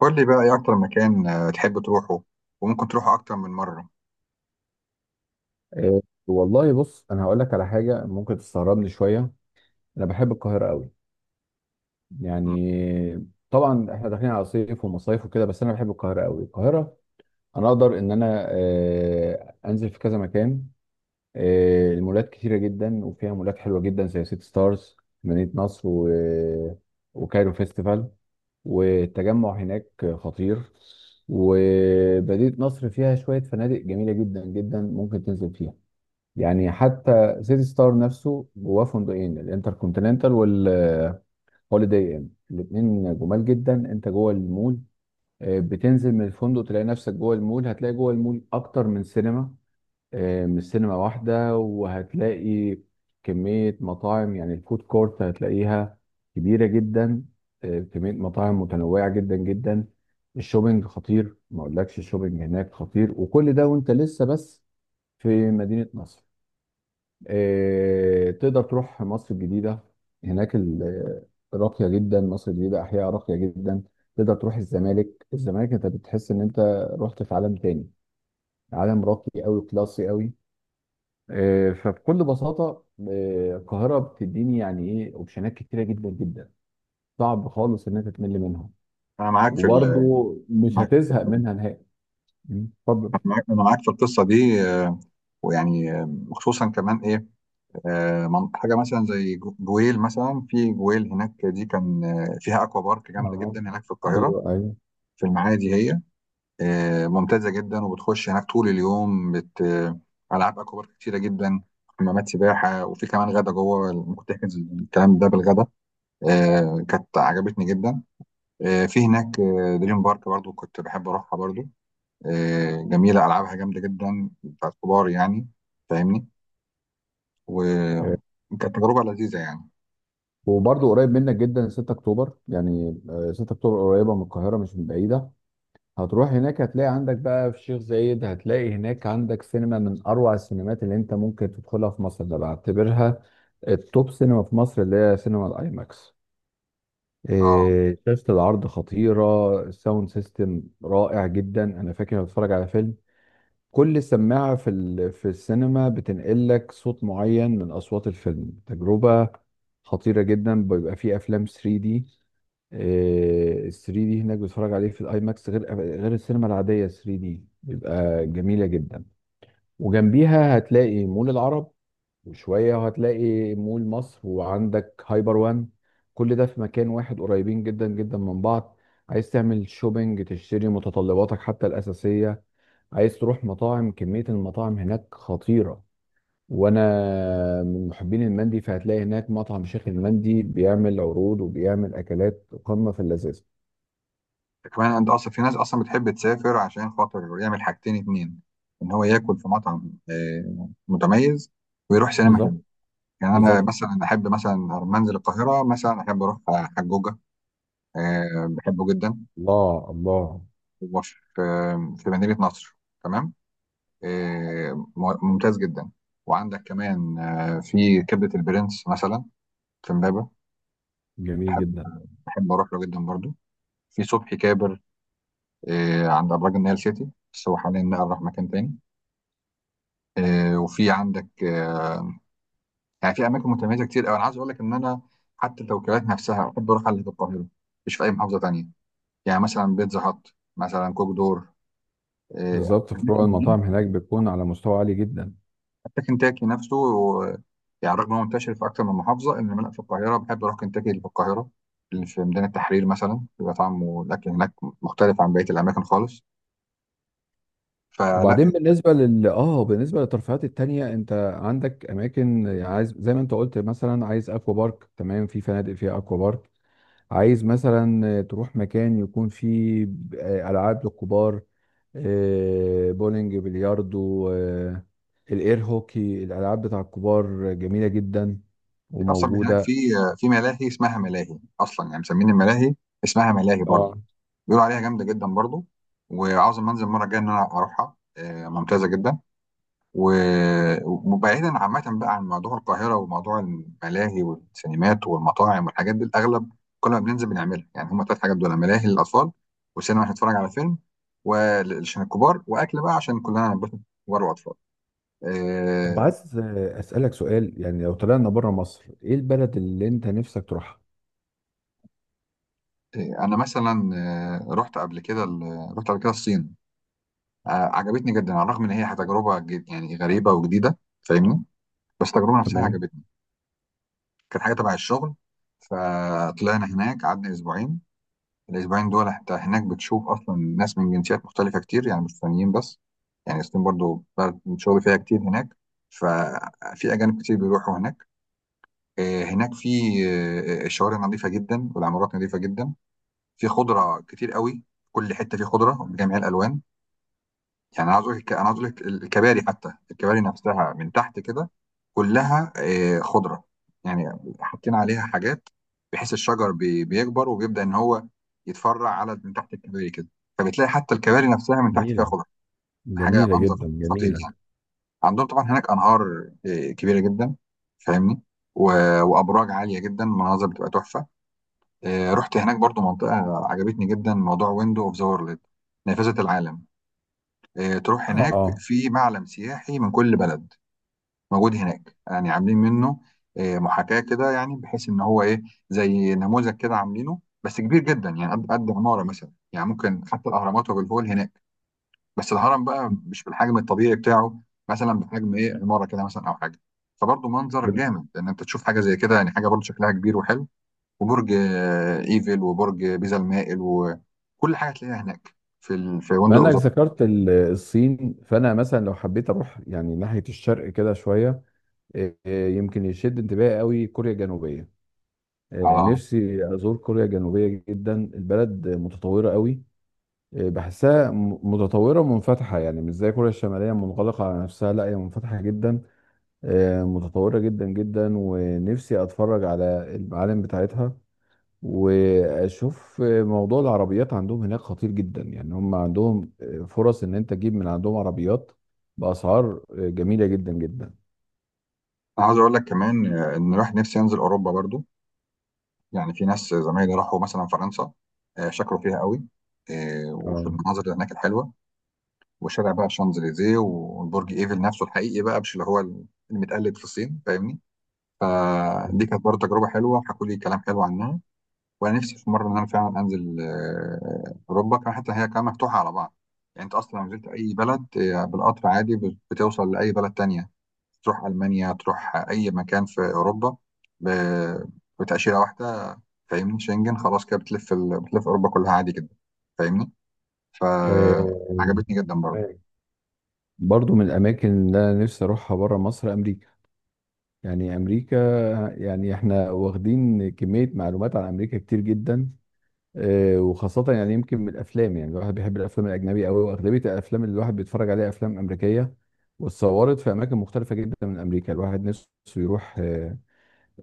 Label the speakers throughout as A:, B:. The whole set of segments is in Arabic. A: قول لي بقى ايه اكتر مكان تحب تروحه وممكن تروحه اكتر من مره.
B: إيه، والله بص، انا هقول لك على حاجه ممكن تستغربني شويه. انا بحب القاهره قوي.
A: م.
B: يعني طبعا احنا داخلين على صيف ومصايف وكده، بس انا بحب القاهره قوي. القاهره انا اقدر ان انا انزل في كذا مكان. المولات كتيره جدا وفيها مولات حلوه جدا زي سيتي ستارز مدينه نصر و... وكايرو فيستيفال. والتجمع هناك خطير. ومدينه نصر فيها شويه فنادق جميله جدا جدا ممكن تنزل فيها. يعني حتى سيتي ستار نفسه جواه فندقين، الانتر كونتيننتال والهوليداي ان، الاثنين جمال جدا. انت جوه المول، بتنزل من الفندق تلاقي نفسك جوه المول. هتلاقي جوه المول اكتر من سينما، من سينما واحده. وهتلاقي كميه مطاعم، يعني الفود كورت هتلاقيها كبيره جدا. كميه مطاعم متنوعه جدا جدا. الشوبينج خطير، ما اقولكش، الشوبينج هناك خطير. وكل ده وانت لسه بس في مدينه نصر. تقدر تروح مصر الجديدة، هناك راقية جدا، مصر الجديدة أحياء راقية جدا. تقدر تروح الزمالك، الزمالك أنت بتحس إن أنت رحت في عالم تاني، عالم راقي أوي، كلاسي أوي. فبكل بساطة، القاهرة بتديني يعني إيه أوبشنات كتيرة جدا جدا، صعب خالص إن أنت تمل منهم.
A: انا معاك في
B: وبرضه
A: ال
B: مش
A: معاك
B: هتزهق منها نهائي. اتفضل.
A: أنا معاك انا معاك في القصه دي. آه، ويعني آه، خصوصا كمان ايه. حاجه مثلا زي جويل، مثلا في جويل هناك دي كان فيها اكوا بارك جامده
B: اه،
A: جدا هناك في القاهره،
B: ايوه ايوه.
A: في المعادي هي ممتازه جدا، وبتخش هناك طول اليوم بت آه، العاب اكوا بارك كتيره جدا، حمامات سباحه وفي كمان غدا جوه، ممكن تحجز الكلام ده بالغدا. كانت عجبتني جدا. في هناك دريم بارك برضو كنت بحب اروحها برضو، جميله، العابها جامده جدا، بتاعت كبار يعني، فاهمني.
B: أيوه.
A: وكانت تجربه لذيذه يعني.
B: وبرضه قريب منك جدا، 6 اكتوبر، يعني 6 اكتوبر قريبه من القاهره مش من بعيده. هتروح هناك هتلاقي عندك بقى في الشيخ زايد، هتلاقي هناك عندك سينما من اروع السينمات اللي انت ممكن تدخلها في مصر. ده بعتبرها التوب سينما في مصر، اللي هي سينما الاي ماكس.
A: اه
B: إيه، شاشة العرض خطيرة، الساوند سيستم رائع جدا. أنا فاكر أنا بتفرج على فيلم، كل سماعة في السينما بتنقل لك صوت معين من أصوات الفيلم، تجربة خطيرة جدا. بيبقى فيه أفلام 3D، ال 3 دي هناك بتتفرج عليه في الاي ماكس، غير السينما العاديه. 3 دي بيبقى جميله جدا. وجنبيها هتلاقي مول العرب، وشويه وهتلاقي مول مصر، وعندك هايبر وان، كل ده في مكان واحد قريبين جدا جدا من بعض. عايز تعمل شوبينج تشتري متطلباتك حتى الاساسيه، عايز تروح مطاعم كميه المطاعم هناك خطيره. وانا من محبين المندي، فهتلاقي هناك مطعم شيخ المندي بيعمل عروض وبيعمل اكلات قمه في اللذاذه.
A: كمان انت اصلا في ناس اصلا بتحب تسافر عشان خاطر يعمل حاجتين اتنين، ان هو ياكل في مطعم متميز، ويروح سينما
B: بالظبط.
A: حلو. يعني انا
B: بالظبط.
A: مثلا احب مثلا لما انزل القاهره، مثلا احب اروح على حجوجه، بحبه جدا،
B: الله الله.
A: وفي في مدينه نصر، تمام، آه، ممتاز جدا. وعندك كمان في كبدة البرنس مثلا، في امبابة،
B: جميل
A: بحب
B: جدا.
A: بحب اروح له جدا برضو. في صبحي كابر عند ابراج النيل سيتي، بس هو حاليا نقل راح مكان تاني. آه، وفي عندك آه، يعني في اماكن متميزه كتير قوي. انا عايز اقول لك ان انا حتى التوكيلات نفسها بحب اروح على اللي في القاهره، مش في اي محافظه تانية. يعني مثلا بيتزا هات، مثلا كوك دور،
B: بالظبط، فروع
A: الاماكن دي،
B: المطاعم هناك بتكون على مستوى عالي جدا.
A: كنتاكي نفسه، يعني رغم انه منتشر في اكثر من محافظه، انما انا في القاهره بحب اروح كنتاكي اللي في القاهره، اللي في ميدان التحرير مثلا، بيبقى طعمه الاكل هناك مختلف عن بقيه الاماكن خالص، فلا.
B: وبعدين بالنسبه لل اه بالنسبه للترفيهات التانية، انت عندك اماكن، عايز زي ما انت قلت، مثلا عايز اكوا بارك، تمام، في فنادق فيها اكوا بارك. عايز مثلا تروح مكان يكون فيه العاب للكبار، بولينج، بلياردو، الاير هوكي، الالعاب بتاع الكبار جميله جدا
A: في اصلا هناك في
B: وموجوده.
A: في ملاهي اسمها ملاهي، اصلا يعني مسمين الملاهي اسمها ملاهي
B: اه.
A: برضه، بيقولوا عليها جامده جدا برضه، وعاوز أما انزل المره الجايه ان انا اروحها، ممتازه جدا. و- وبعيدا عامة بقى عن موضوع القاهرة وموضوع الملاهي والسينمات والمطاعم والحاجات دي، الأغلب كل ما بننزل بنعملها يعني هما تلات حاجات دول: ملاهي للأطفال، وسينما عشان نتفرج على فيلم عشان الكبار، وأكل بقى عشان كلنا ننبسط، كبار وأطفال.
B: طب
A: آه،
B: عايز اسالك سؤال، يعني لو طلعنا بره مصر، ايه البلد اللي انت نفسك تروحها؟
A: أنا مثلا رحت قبل كده رحت قبل كده الصين. عجبتني جدا، على الرغم إن هي تجربة يعني غريبة وجديدة، فاهمني، بس التجربة نفسها
B: تمام.
A: عجبتني. كانت حاجة تبع الشغل، فطلعنا هناك قعدنا أسبوعين. الأسبوعين دول أنت هناك بتشوف أصلا ناس من جنسيات مختلفة كتير، يعني مش سودانيين بس، يعني الصين برضو بلد شغل فيها كتير هناك، ففي أجانب كتير بيروحوا هناك. هناك في الشوارع نظيفة جدا، والعمارات نظيفة جدا، في خضرة كتير قوي، كل حتة في خضرة بجميع الألوان. يعني عاوز اقول لك الكباري، حتى الكباري نفسها من تحت كده كلها خضره، يعني حاطين عليها حاجات بحيث الشجر بيكبر وبيبدا ان هو يتفرع على من تحت الكباري كده، فبتلاقي حتى الكباري نفسها من تحت فيها
B: جميلة،
A: خضره. حاجه
B: جميلة
A: منظر
B: جدا،
A: خطير
B: جميلة.
A: يعني. عندهم طبعا هناك انهار كبيره جدا، فاهمني، وابراج عاليه جدا، مناظر بتبقى تحفه. رحت هناك برضو منطقه عجبتني جدا، موضوع ويندو اوف ذا وورلد، نافذه العالم. تروح هناك
B: اه.
A: في معلم سياحي من كل بلد موجود هناك، يعني عاملين منه محاكاة كده، يعني بحيث ان هو ايه، زي نموذج كده عاملينه بس كبير جدا، يعني قد عمارة مثلا. يعني ممكن حتى الاهرامات وابو الهول هناك، بس الهرم بقى مش بالحجم الطبيعي بتاعه، مثلا بحجم ايه، عمارة كده مثلا او حاجة. فبرضه منظر
B: بم-
A: جامد ان انت تشوف حاجة زي كده، يعني حاجة برضه شكلها كبير وحلو. وبرج ايفل وبرج بيزا المائل وكل حاجة تلاقيها هناك، في في
B: بما
A: فندق أبو
B: انك
A: ظبي.
B: ذكرت الصين، فانا مثلا لو حبيت اروح يعني ناحية الشرق كده شوية. إيه، إيه، يمكن يشد انتباهي قوي كوريا الجنوبية. إيه،
A: اه
B: نفسي ازور كوريا الجنوبية جدا، البلد متطورة قوي. إيه، بحسها متطورة ومنفتحة، يعني مش زي كوريا الشمالية منغلقة على نفسها، لا هي منفتحة جدا. متطورة جدا جدا، ونفسي اتفرج على المعالم بتاعتها. واشوف موضوع العربيات عندهم هناك خطير جدا. يعني هم عندهم فرص ان انت تجيب من عندهم عربيات باسعار جميلة جدا جدا.
A: انا عاوز اقول لك كمان ان راح نفسي انزل اوروبا برضو. يعني في ناس زمايلي راحوا مثلا فرنسا، شكروا فيها قوي، وفي
B: اه.
A: المناظر اللي هناك الحلوه، وشارع بقى الشانزليزيه، والبرج ايفل نفسه الحقيقي بقى، مش اللي هو المتقلد في الصين، فاهمني.
B: طيب.
A: دي كانت برضو تجربه حلوه، حكوا لي كلام حلو عنها. وانا نفسي في مره ان انا فعلا انزل اوروبا كمان، حتى هي كمان مفتوحه على بعض. يعني انت اصلا لو نزلت اي بلد بالقطر عادي بتوصل لاي بلد تانية، تروح ألمانيا، تروح أي مكان في أوروبا ب- بتأشيرة واحدة، فاهمني، شنجن، خلاص كده بتلف بتلف أوروبا كلها عادي جدا، فاهمني،
B: آه،
A: فعجبتني جدا برضه.
B: تمام. برضو من الاماكن اللي انا نفسي اروحها بره مصر امريكا. يعني امريكا، يعني احنا واخدين كمية معلومات عن امريكا كتير جدا. وخاصة يعني يمكن من الأفلام، يعني الواحد بيحب الأفلام الأجنبية أوي، وأغلبية الأفلام اللي الواحد بيتفرج عليها أفلام أمريكية. واتصورت في أماكن مختلفة جدا من أمريكا، الواحد نفسه يروح آه،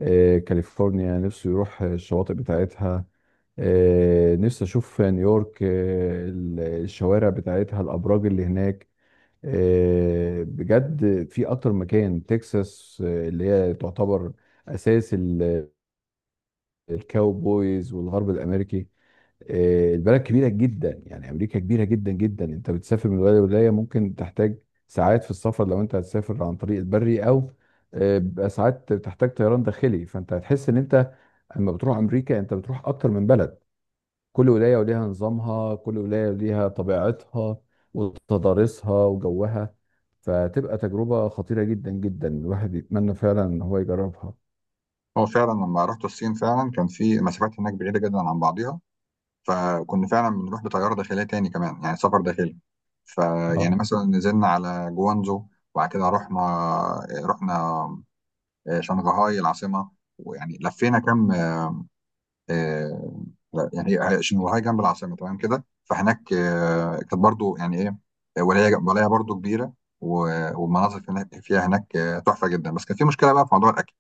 B: آه، كاليفورنيا، نفسه يروح الشواطئ بتاعتها. نفسي أشوف نيويورك، الشوارع بتاعتها، الأبراج اللي هناك. بجد في أكتر مكان تكساس، اللي هي تعتبر أساس الكاوبويز والغرب الأمريكي. البلد كبيرة جدا، يعني أمريكا كبيرة جدا جدا، أنت بتسافر من ولاية لولاية ممكن تحتاج ساعات في السفر لو أنت هتسافر عن طريق البري، أو بيبقى ساعات بتحتاج طيران داخلي. فأنت هتحس إن أنت لما بتروح أمريكا أنت بتروح أكتر من بلد، كل ولاية وليها نظامها، كل ولاية وليها طبيعتها وتضاريسها وجوها. فتبقى تجربة خطيرة جدا جدا الواحد يتمنى فعلا إن هو يجربها.
A: هو فعلا لما رحت الصين فعلا كان في مسافات هناك بعيدة جدا عن بعضيها، فكنا فعلا بنروح بطيارة داخلية، تاني كمان يعني سفر داخلي. فيعني
B: اه
A: مثلا نزلنا على جوانزو، وبعد كده رحنا شنغهاي العاصمة، ويعني لفينا كم. آه، لا يعني عشان وهي جنب العاصمه تمام كده، فهناك كانت برضو يعني ايه، ولايه برضو كبيره. والمناظر هناك فيها هناك تحفه جدا. بس كان في مشكله بقى في موضوع الاكل،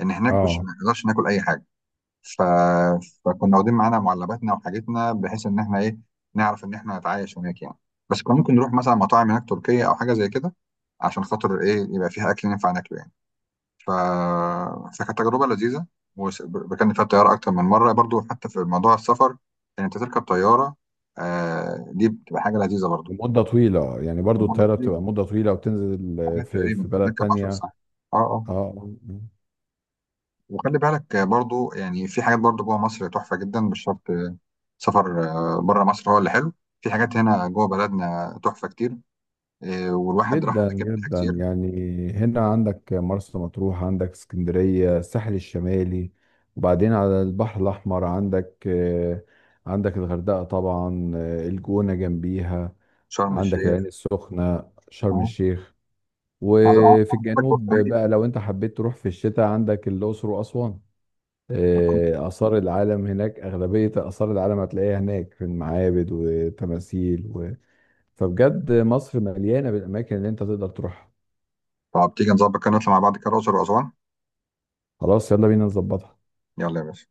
A: ان هناك مش
B: اه.
A: ما نقدرش ناكل اي حاجه، ف... فكنا واخدين معانا معلباتنا وحاجتنا بحيث ان احنا ايه، نعرف ان احنا نتعايش هناك يعني. بس كنا ممكن نروح مثلا مطاعم هناك تركيه او حاجه زي كده، عشان خاطر ايه يبقى فيها اكل ينفع ناكله يعني. ف... فكانت تجربة لذيذة. وركبنا فيها الطيارة أكتر من مرة برضو، حتى في موضوع السفر إن أنت تركب طيارة، آه دي بتبقى حاجة لذيذة برضو.
B: لمدة طويلة، يعني برضو
A: الموضوع
B: الطيارة
A: كبير،
B: بتبقى مدة طويلة، وتنزل
A: حاجات
B: في
A: تقريبا
B: بلد
A: بتركب 10
B: تانية. اه.
A: ساعات. اه اه.
B: آه، آه.
A: وخلي بالك برضو يعني في حاجات برضو جوه مصر تحفة جدا، مش شرط سفر بره مصر هو اللي حلو، في حاجات هنا جوه بلدنا تحفة كتير، والواحد راح
B: جدا
A: أماكن منها
B: جدا،
A: كتير.
B: يعني هنا عندك مرسى مطروح، عندك اسكندرية، الساحل الشمالي. وبعدين على البحر الأحمر عندك، عندك الغردقة طبعا، الجونة جنبيها،
A: شرم
B: عندك العين
A: الشيخ.
B: السخنة، شرم
A: اه
B: الشيخ.
A: عايز- آه،
B: وفي الجنوب بقى
A: عايز-
B: لو انت حبيت تروح في الشتاء عندك الأقصر وأسوان. آثار العالم هناك، أغلبية آثار العالم هتلاقيها هناك في المعابد وتماثيل و... فبجد مصر مليانة بالأماكن اللي أنت تقدر تروحها.
A: طب تيجي نظبط كده نطلع مع بعض كده الأقصر وأسوان.
B: خلاص يلا بينا نظبطها.
A: يلا يا باشا.